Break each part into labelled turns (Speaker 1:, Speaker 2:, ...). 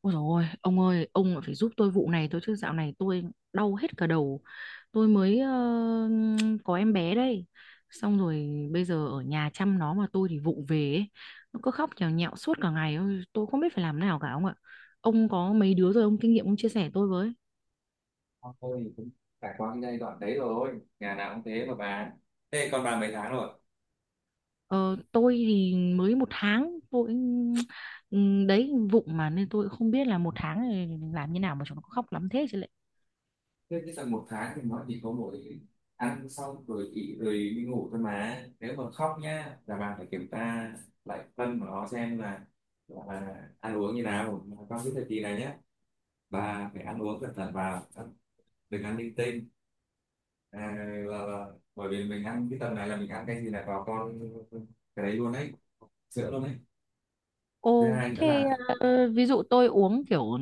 Speaker 1: Ôi dồi ôi, ông ơi, ông lại phải giúp tôi vụ này tôi chứ dạo này tôi đau hết cả đầu. Tôi mới có em bé đây. Xong rồi bây giờ ở nhà chăm nó mà tôi thì vụng về ấy. Nó cứ khóc nhào nhạo suốt cả ngày. Ôi, tôi không biết phải làm nào cả ông ạ. Ông có mấy đứa rồi ông kinh nghiệm ông chia sẻ tôi với.
Speaker 2: Thôi cũng trải qua cái giai đoạn đấy rồi, nhà nào cũng thế mà bà. Thế con bà mấy tháng rồi?
Speaker 1: Ờ, tôi thì mới 1 tháng tôi. Ừ, đấy vụng mà nên tôi cũng không biết là 1 tháng này làm như nào mà chúng nó khóc lắm thế chứ lệ.
Speaker 2: Thế cái tầm một tháng thì nó chỉ có mỗi ăn xong rồi nghỉ rồi đi ngủ thôi, mà nếu mà khóc nhá là bà phải kiểm tra lại phân của nó xem là ăn uống như nào. Mà trong cái thời kỳ này nhá, bà phải ăn uống cẩn thận vào, đừng ăn linh tinh. à, là, là, bởi vì mình ăn cái tầm này là mình ăn cái gì là vào con, cái đấy luôn đấy, sữa luôn đấy. Thứ
Speaker 1: Ồ,
Speaker 2: hai nữa
Speaker 1: thế ví dụ tôi uống kiểu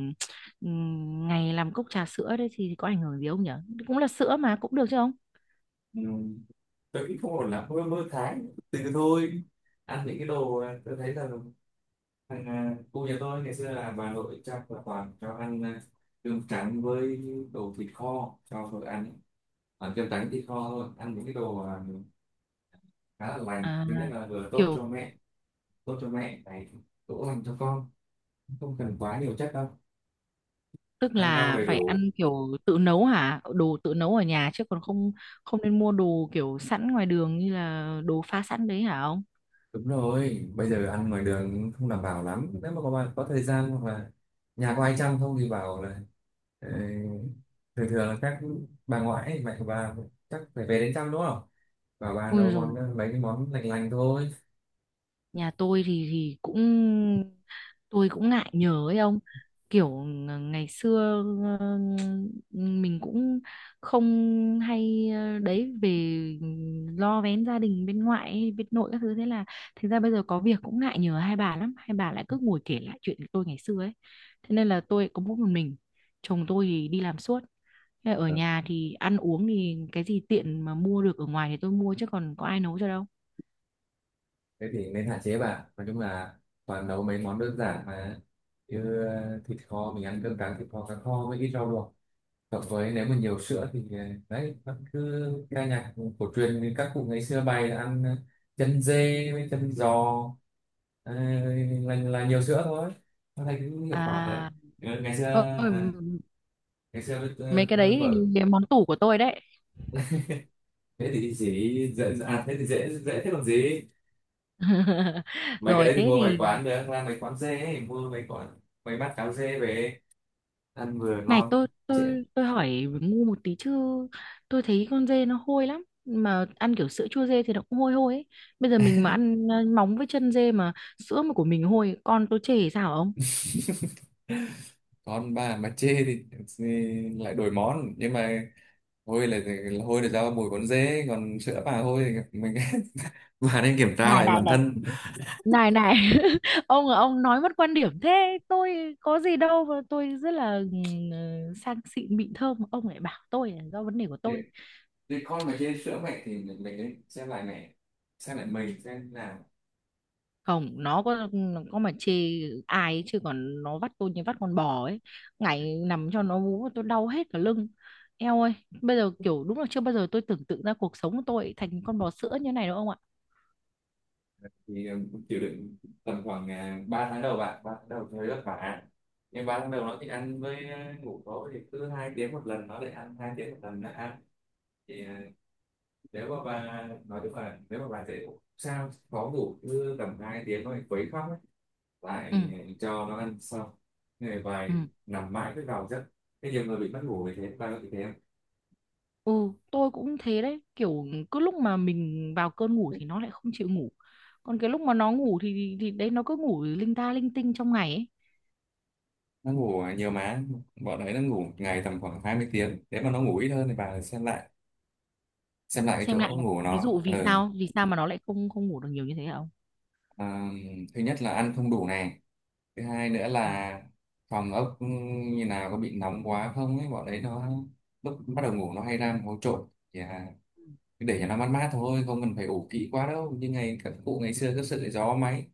Speaker 1: ngày làm cốc trà sữa đấy thì có ảnh hưởng gì không nhỉ? Cũng là sữa mà cũng được chứ không?
Speaker 2: là tôi nghĩ không ổn lắm, mơ mơ thái từ thôi, ăn những cái đồ, tôi thấy là cô nhà tôi ngày xưa là bà nội chắc là toàn cho ăn, cơm trắng với đồ thịt kho cho vợ ăn ấy. Ăn cơm trắng thịt kho thôi, ăn những cái đồ, khá là lành.
Speaker 1: À,
Speaker 2: Thứ nhất là vừa tốt cho
Speaker 1: kiểu
Speaker 2: mẹ, tốt cho mẹ này, cũng lành cho con, không cần quá nhiều chất đâu,
Speaker 1: tức
Speaker 2: ăn rau
Speaker 1: là
Speaker 2: đầy
Speaker 1: phải
Speaker 2: đủ.
Speaker 1: ăn kiểu tự nấu hả? Đồ tự nấu ở nhà chứ còn không không nên mua đồ kiểu sẵn ngoài đường như là đồ pha sẵn đấy hả ông?
Speaker 2: Đúng rồi, bây giờ ăn ngoài đường cũng không đảm bảo lắm. Nếu mà có bạn có thời gian hoặc là nhà có ai chăm không thì bảo là Ờ, thường thường là các bà ngoại ấy, mẹ của bà, chắc phải về đến trăm đúng không, và bà
Speaker 1: Ui
Speaker 2: nấu món,
Speaker 1: rồi,
Speaker 2: mấy cái món lành lành thôi.
Speaker 1: nhà tôi thì cũng tôi cũng ngại nhớ ấy ông, kiểu ngày xưa, ờ, mình cũng không hay đấy, về lo vén gia đình bên ngoại ấy, bên nội các thứ. Thế là thực ra bây giờ có việc cũng ngại nhờ hai bà lắm, hai bà lại cứ ngồi kể lại chuyện của tôi ngày xưa ấy. Thế nên là tôi có mỗi một mình, chồng tôi thì đi làm suốt. Thế là ở
Speaker 2: Ờ,
Speaker 1: nhà thì ăn uống thì cái gì tiện mà mua được ở ngoài thì tôi mua chứ còn có ai nấu cho đâu.
Speaker 2: thế thì nên hạn chế. Bà nói chung là toàn nấu mấy món đơn giản mà, như thịt kho, mình ăn cơm trắng thịt kho cá kho với ít rau luộc. Cộng với nếu mà nhiều sữa thì, đấy, vẫn cứ ca nhạc cổ truyền như các cụ ngày xưa bày, là ăn chân dê với chân giò, ờ, là nhiều sữa thôi. Nó thấy cũng hiệu quả rồi.
Speaker 1: À.
Speaker 2: Ừ, ngày xưa,
Speaker 1: Ờ,
Speaker 2: ờ, ngày xưa với
Speaker 1: mấy cái đấy
Speaker 2: vợ,
Speaker 1: thì món tủ của tôi đấy.
Speaker 2: thế thì dễ dễ à thế thì dễ dễ thế còn gì. Mấy cái
Speaker 1: Rồi,
Speaker 2: đấy thì
Speaker 1: thế
Speaker 2: mua ngoài
Speaker 1: thì
Speaker 2: quán được, ra mấy quán dê ấy, mua mấy quán mấy bát cháo dê về ăn vừa
Speaker 1: này,
Speaker 2: ngon,
Speaker 1: tôi
Speaker 2: trễ.
Speaker 1: tôi tôi hỏi ngu một tí chứ, tôi thấy con dê nó hôi lắm, mà ăn kiểu sữa chua dê thì nó cũng hôi hôi ấy. Bây giờ mình mà ăn móng với chân dê mà sữa mà của mình hôi, con tôi chê sao ông?
Speaker 2: Con bà mà chê thì lại đổi món, nhưng mà hôi là hôi là do mùi con dế, còn sữa bà hôi thì mình bà nên kiểm tra
Speaker 1: Này
Speaker 2: lại
Speaker 1: này
Speaker 2: bản
Speaker 1: này,
Speaker 2: thân.
Speaker 1: này này, ông là ông nói mất quan điểm thế, tôi có gì đâu mà tôi rất là sang xịn mịn thơm, ông lại bảo tôi là do vấn đề của
Speaker 2: thì,
Speaker 1: tôi.
Speaker 2: thì con mà chê sữa mẹ thì mình nên xem lại mẹ, xem lại mình xem nào.
Speaker 1: Không, nó có mà chê ai ấy, chứ còn nó vắt tôi như vắt con bò ấy, ngày nằm cho nó vú tôi đau hết cả lưng. Eo ơi, bây giờ kiểu đúng là chưa bao giờ tôi tưởng tượng ra cuộc sống của tôi thành con bò sữa như này đâu ông ạ.
Speaker 2: Thì ừ, chịu đựng tầm khoảng 3 tháng đầu bạn, 3 tháng đầu thấy vất vả, nhưng 3 tháng đầu nó thì ăn với ngủ. Tối thì cứ hai tiếng một lần nó lại ăn, hai tiếng một lần nó ăn, thì nếu mà bà nói chung là nếu mà bà dễ ngủ sao khó ngủ, cứ tầm hai tiếng nó lại quấy khóc ấy,
Speaker 1: Ừ.
Speaker 2: lại cho nó ăn xong người
Speaker 1: Ừ.
Speaker 2: vài, nằm mãi cứ vào giấc, cái nhiều người bị mất ngủ vì thế. Bà có bị thế không?
Speaker 1: Ừ, tôi cũng thế đấy, kiểu cứ lúc mà mình vào cơn ngủ thì nó lại không chịu ngủ, còn cái lúc mà nó ngủ thì đấy nó cứ ngủ linh ta linh tinh trong ngày ấy.
Speaker 2: Nó ngủ nhiều má, bọn đấy nó ngủ một ngày tầm khoảng 20 tiếng, nếu mà nó ngủ ít hơn thì bà xem lại, xem lại cái
Speaker 1: Xem lại
Speaker 2: chỗ
Speaker 1: là
Speaker 2: ngủ của
Speaker 1: ví
Speaker 2: nó.
Speaker 1: dụ vì
Speaker 2: Ừ.
Speaker 1: sao, vì sao mà nó lại không không ngủ được nhiều như thế hả ông?
Speaker 2: À, thứ nhất là ăn không đủ này, thứ hai nữa
Speaker 1: Ừ.
Speaker 2: là phòng ốc ừ, như nào, có bị nóng quá không ấy. Bọn đấy nó lúc bắt đầu ngủ nó hay ra một hố trộn thì, cứ để cho nó mát mát thôi, không cần phải ủ kỹ quá đâu, như ngày các cụ ngày xưa cứ sợ gió máy,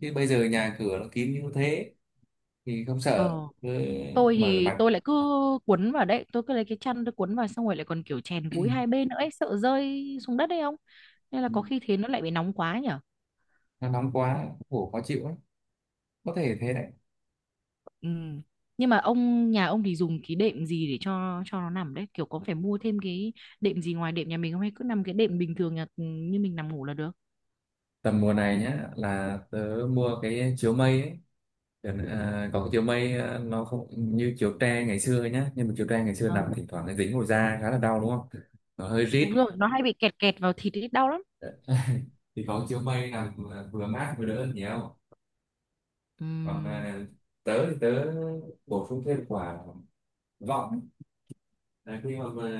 Speaker 2: chứ bây giờ nhà cửa nó kín như thế thì không sợ,
Speaker 1: Ờ,
Speaker 2: cứ
Speaker 1: tôi
Speaker 2: mở
Speaker 1: thì
Speaker 2: mặt.
Speaker 1: tôi lại cứ cuốn vào đấy, tôi cứ lấy cái chăn tôi cuốn vào, xong rồi lại còn kiểu chèn gối hai bên nữa ấy, sợ rơi xuống đất đấy, không nên là có khi thế nó lại bị nóng quá nhở.
Speaker 2: Nó nóng quá ngủ khó chịu lắm, có thể thế đấy.
Speaker 1: Ừ. Nhưng mà ông, nhà ông thì dùng cái đệm gì để cho nó nằm đấy, kiểu có phải mua thêm cái đệm gì ngoài đệm nhà mình không, hay cứ nằm cái đệm bình thường nhà như mình nằm ngủ là được?
Speaker 2: Tầm mùa này nhá là tớ mua cái chiếu mây ấy. Được. À, còn cái chiều mây nó không như chiều tre ngày xưa nhá, nhưng mà chiều tre ngày xưa
Speaker 1: Ờ,
Speaker 2: nằm thỉnh thoảng nó dính vào da khá là đau đúng không, nó hơi rít.
Speaker 1: đúng rồi, nó hay bị kẹt kẹt vào thịt ấy, đau lắm.
Speaker 2: Thì có chiều mây nằm vừa mát vừa đỡ hơn nhiều. Còn
Speaker 1: Ừm.
Speaker 2: tớ bổ sung thêm quả vọng ấy. Là khi mà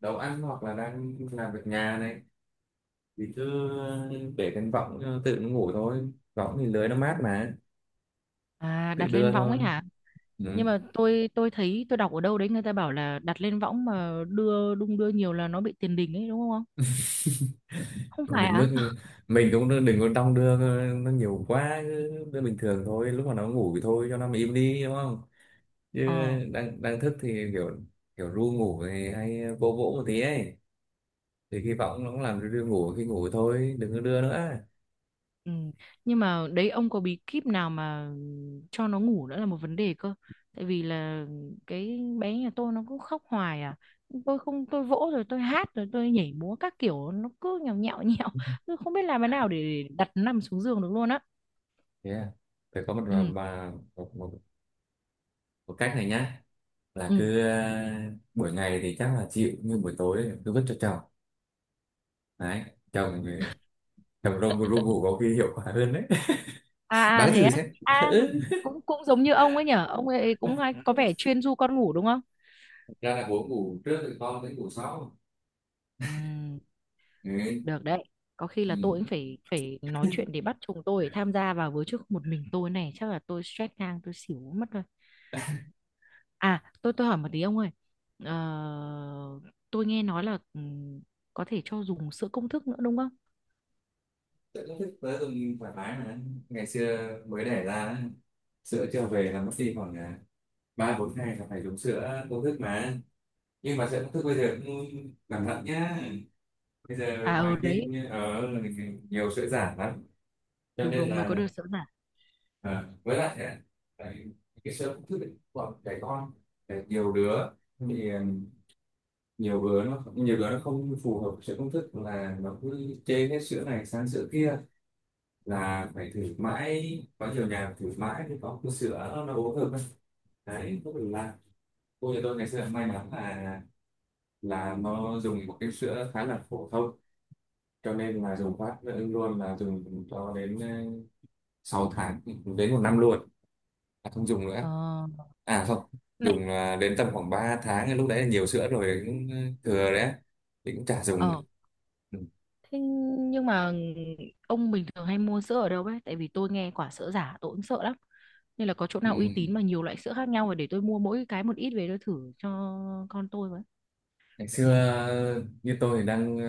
Speaker 2: nấu ăn hoặc là đang làm việc nhà này thì cứ để cái vọng, tự nó ngủ thôi, võng thì lưới nó mát mà,
Speaker 1: À,
Speaker 2: tự
Speaker 1: đặt
Speaker 2: đưa
Speaker 1: lên võng
Speaker 2: thôi.
Speaker 1: ấy hả? Nhưng
Speaker 2: Ừ.
Speaker 1: mà tôi thấy tôi đọc ở đâu đấy người ta bảo là đặt lên võng mà đưa đung đưa nhiều là nó bị tiền đình ấy, đúng không? Không
Speaker 2: Không
Speaker 1: phải
Speaker 2: đến
Speaker 1: à?
Speaker 2: mức mình cũng đừng có đong đưa nó nhiều quá, cứ đưa bình thường thôi. Lúc mà nó ngủ thì thôi cho nó mà im đi đúng không, chứ
Speaker 1: Ờ.
Speaker 2: đang đang thức thì kiểu kiểu ru ngủ thì hay vỗ vỗ một tí ấy, thì khi vọng nó cũng làm cho đưa ngủ, khi ngủ thôi đừng có đưa nữa.
Speaker 1: Ừ. Nhưng mà đấy, ông có bí kíp nào mà cho nó ngủ nữa là một vấn đề cơ. Tại vì là cái bé nhà tôi nó cứ khóc hoài à, tôi không, tôi vỗ rồi tôi hát rồi tôi nhảy múa các kiểu nó cứ nhào nhạo nhạo. Tôi không biết làm thế nào để đặt nằm xuống giường được luôn á.
Speaker 2: Yeah, phải có một
Speaker 1: Ừ.
Speaker 2: mà một, một, một cách này nhá, là
Speaker 1: Ừ.
Speaker 2: cứ buổi ngày thì chắc là chịu, nhưng buổi tối cứ vứt cho chồng, đấy, chồng chồng ru ru ngủ có khi hiệu quả hơn đấy.
Speaker 1: À. À
Speaker 2: Bán
Speaker 1: thế
Speaker 2: thử
Speaker 1: á?
Speaker 2: xem.
Speaker 1: À, cũng cũng giống như ông ấy nhở, ông ấy cũng hay có
Speaker 2: Ừ,
Speaker 1: vẻ chuyên du con ngủ đúng không?
Speaker 2: ra là buổi ngủ trước thì con đến ngủ sau,
Speaker 1: Ừm,
Speaker 2: đấy.
Speaker 1: được đấy. Có khi là tôi cũng
Speaker 2: Ừ.
Speaker 1: phải phải nói chuyện để bắt chồng tôi tham gia vào với chứ, một mình tôi này chắc là tôi stress ngang tôi xỉu mất rồi. À, tôi hỏi một tí ông ơi. Ờ, tôi nghe nói là có thể cho dùng sữa công thức nữa đúng không?
Speaker 2: Tự nó thích tới từng thoải mái mà, ngày xưa mới đẻ ra á, sữa chưa về là mất đi khoảng ba bốn ngày là phải dùng sữa công thức mà, nhưng mà sữa công thức bây giờ cũng cẩn thận nhá, bây giờ
Speaker 1: À ừ
Speaker 2: ngoài
Speaker 1: đấy,
Speaker 2: tin như ở nhiều sữa giả lắm, cho
Speaker 1: đúng
Speaker 2: nên
Speaker 1: đúng mới có
Speaker 2: là
Speaker 1: được sữa giả.
Speaker 2: với lại á, tại cái sữa công thức ấy, của trẻ con là nhiều đứa, thì nhiều đứa nó không phù hợp sữa công thức là nó cứ chê hết sữa này sang sữa kia, là phải thử mãi, có nhiều nhà thử mãi mới có cái sữa nó uống được ấy. Đấy không được là cô nhà tôi ngày xưa may mắn là nó dùng một cái sữa khá là phổ thông, cho nên là dùng phát luôn là dùng cho đến 6 tháng, đến một năm luôn là không dùng
Speaker 1: Ờ,
Speaker 2: nữa. À không,
Speaker 1: này,
Speaker 2: dùng đến tầm khoảng 3 tháng lúc đấy là nhiều sữa rồi, cũng thừa đấy, thì cũng chả dùng nữa.
Speaker 1: ờ.
Speaker 2: Ừ.
Speaker 1: Thế nhưng mà ông bình thường hay mua sữa ở đâu ấy? Tại vì tôi nghe quả sữa giả tôi cũng sợ lắm. Nên là có chỗ
Speaker 2: Ừ.
Speaker 1: nào uy tín mà nhiều loại sữa khác nhau rồi để tôi mua mỗi cái một ít về tôi thử cho con tôi với.
Speaker 2: Ngày xưa như tôi thì đang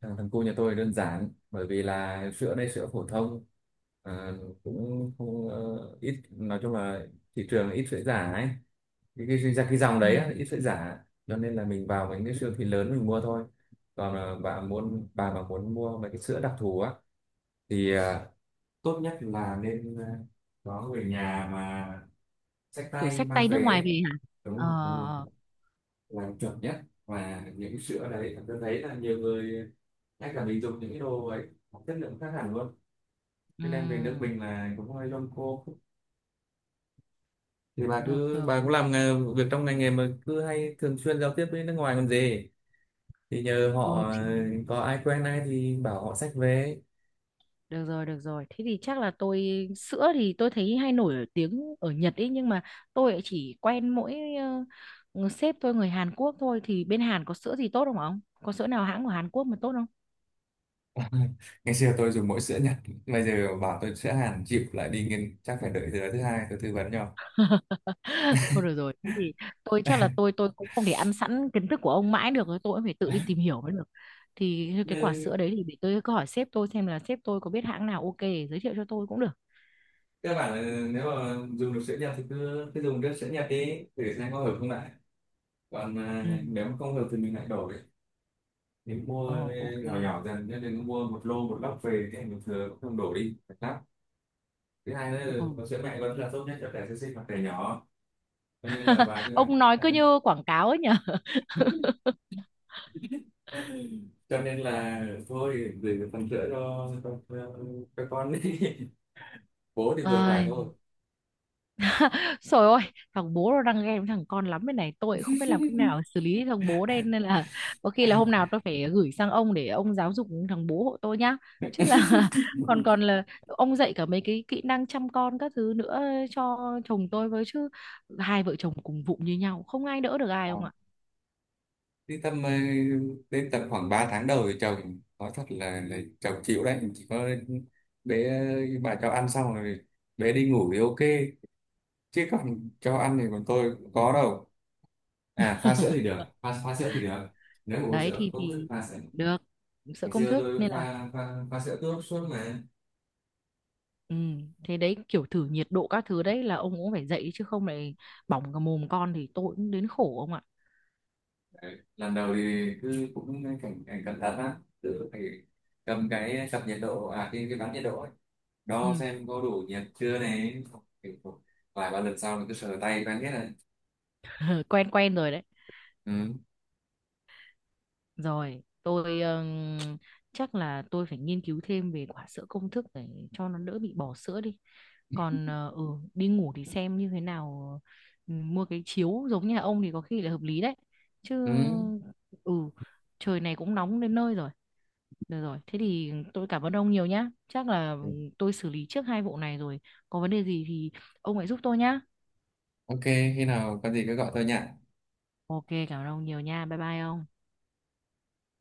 Speaker 2: thằng thằng cu nhà tôi đơn giản, bởi vì là sữa đây sữa phổ thông, ờ, cũng không ít, nói chung là thị trường ít sữa giả ấy, cái dòng
Speaker 1: Ừ.
Speaker 2: đấy á, ít sữa giả, cho nên là mình vào những cái siêu thị lớn mình mua thôi. Còn bà mà muốn mua mấy cái sữa đặc thù á thì tốt nhất là nên có người nhà mà xách
Speaker 1: Kiểu
Speaker 2: tay
Speaker 1: xách
Speaker 2: mang
Speaker 1: tay nước
Speaker 2: về
Speaker 1: ngoài
Speaker 2: ấy.
Speaker 1: về hả?
Speaker 2: Đúng rồi đúng rồi,
Speaker 1: Ờ,
Speaker 2: là chuẩn nhất. Và những sữa đấy tôi thấy là nhiều người, ngay cả mình dùng những cái đồ ấy có chất lượng khác hẳn luôn,
Speaker 1: ừ,
Speaker 2: cho nên về nước mình là cũng hơi lông cô. Thì
Speaker 1: được, được,
Speaker 2: bà cũng
Speaker 1: được.
Speaker 2: làm việc trong ngành nghề mà cứ hay thường xuyên giao tiếp với nước ngoài còn gì, thì nhờ họ,
Speaker 1: Ừ, thì
Speaker 2: có ai quen ai thì bảo họ xách về.
Speaker 1: được rồi, được rồi. Thế thì chắc là tôi, sữa thì tôi thấy hay nổi ở tiếng ở Nhật ấy. Nhưng mà tôi lại chỉ quen mỗi ờ, sếp tôi người Hàn Quốc thôi. Thì bên Hàn có sữa gì tốt không ạ ông? Có sữa nào hãng của Hàn Quốc mà tốt không?
Speaker 2: Ngày xưa tôi dùng mỗi sữa Nhật, bây giờ bảo tôi sữa Hàn chịu, lại đi nghiên chắc phải đợi tới thứ hai tôi tư vấn cho.
Speaker 1: Thôi được rồi, thế thì tôi chắc là tôi cũng không thể ăn sẵn kiến thức của ông mãi được, tôi cũng phải tự đi tìm hiểu mới được. Thì cái quả sữa đấy thì để tôi cứ hỏi sếp tôi xem là sếp tôi có biết hãng nào ok để giới thiệu cho tôi cũng được.
Speaker 2: Các bạn nếu mà dùng được sữa nhập thì cứ cứ dùng nước sữa nhập đi để xem có hợp không lại, còn
Speaker 1: Ừ.
Speaker 2: nếu mà không hợp thì mình lại đổ đi, thì
Speaker 1: Ồ,
Speaker 2: mua
Speaker 1: ok.
Speaker 2: nhỏ nhỏ dần, chứ đừng mua một lô một lốc về thì mình thừa cũng không đổ đi thật lắm. Thứ hai nữa
Speaker 1: Ừ.
Speaker 2: là có sữa mẹ vẫn là tốt nhất cho trẻ sơ sinh hoặc trẻ nhỏ, cho nên là vài cái bạn
Speaker 1: Ông nói cứ như quảng cáo ấy nhỉ.
Speaker 2: cho nên là thôi gửi phần sữa cho cho con đi, bố thì vừa phải thôi.
Speaker 1: Ai, trời ơi, thằng bố nó đang ghen với thằng con lắm bên này, tôi cũng không biết làm cách nào xử lý thằng bố đây nên là có khi là hôm nào tôi phải gửi sang ông để ông giáo dục thằng bố hộ tôi nhá, chứ là còn còn là ông dạy cả mấy cái kỹ năng chăm con các thứ nữa cho chồng tôi với chứ, hai vợ chồng cùng vụng như nhau không ai đỡ được ai
Speaker 2: À,
Speaker 1: ông ạ.
Speaker 2: đi tầm đến tầm khoảng 3 tháng đầu thì chồng nói thật là, chồng chịu đấy, chỉ có bé, bà cho ăn xong rồi bé đi ngủ thì ok, chứ còn cho ăn thì còn tôi cũng có đâu. À pha sữa thì được, pha sữa thì được, nếu mà uống
Speaker 1: Đấy
Speaker 2: sữa cũng cứ
Speaker 1: thì
Speaker 2: pha sữa.
Speaker 1: được, sợ
Speaker 2: Ngày
Speaker 1: công
Speaker 2: xưa
Speaker 1: thức
Speaker 2: tôi
Speaker 1: nên là
Speaker 2: pha pha, pha sữa tốt suốt mà.
Speaker 1: ừ, thế đấy, kiểu thử nhiệt độ các thứ đấy là ông cũng phải dạy chứ, không lại bỏng cả mồm con thì tôi cũng đến khổ ông ạ.
Speaker 2: Đấy, lần đầu thì cứ cũng cảnh cảnh cẩn thận lắm, tự phải cầm cái cặp nhiệt độ, à cái bán nhiệt độ ấy,
Speaker 1: Ừ,
Speaker 2: đo xem có đủ nhiệt chưa này. Kiểu vài ba lần sau mình cứ sờ tay quen hết rồi.
Speaker 1: quen quen rồi đấy.
Speaker 2: Ừ.
Speaker 1: Rồi, tôi chắc là tôi phải nghiên cứu thêm về quả sữa công thức để cho nó đỡ bị bỏ sữa đi. Còn đi ngủ thì xem như thế nào, ừ, mua cái chiếu giống nhà ông thì có khi là hợp lý đấy. Chứ
Speaker 2: Ừ.
Speaker 1: ừ, trời này cũng nóng đến nơi rồi. Được rồi, thế thì tôi cảm ơn ông nhiều nhá. Chắc là
Speaker 2: Ừ,
Speaker 1: tôi xử lý trước hai vụ này rồi. Có vấn đề gì thì ông hãy giúp tôi nhá.
Speaker 2: ok, khi nào có gì cứ gọi tôi nhỉ.
Speaker 1: Ok, cảm ơn ông nhiều nha. Bye bye ông.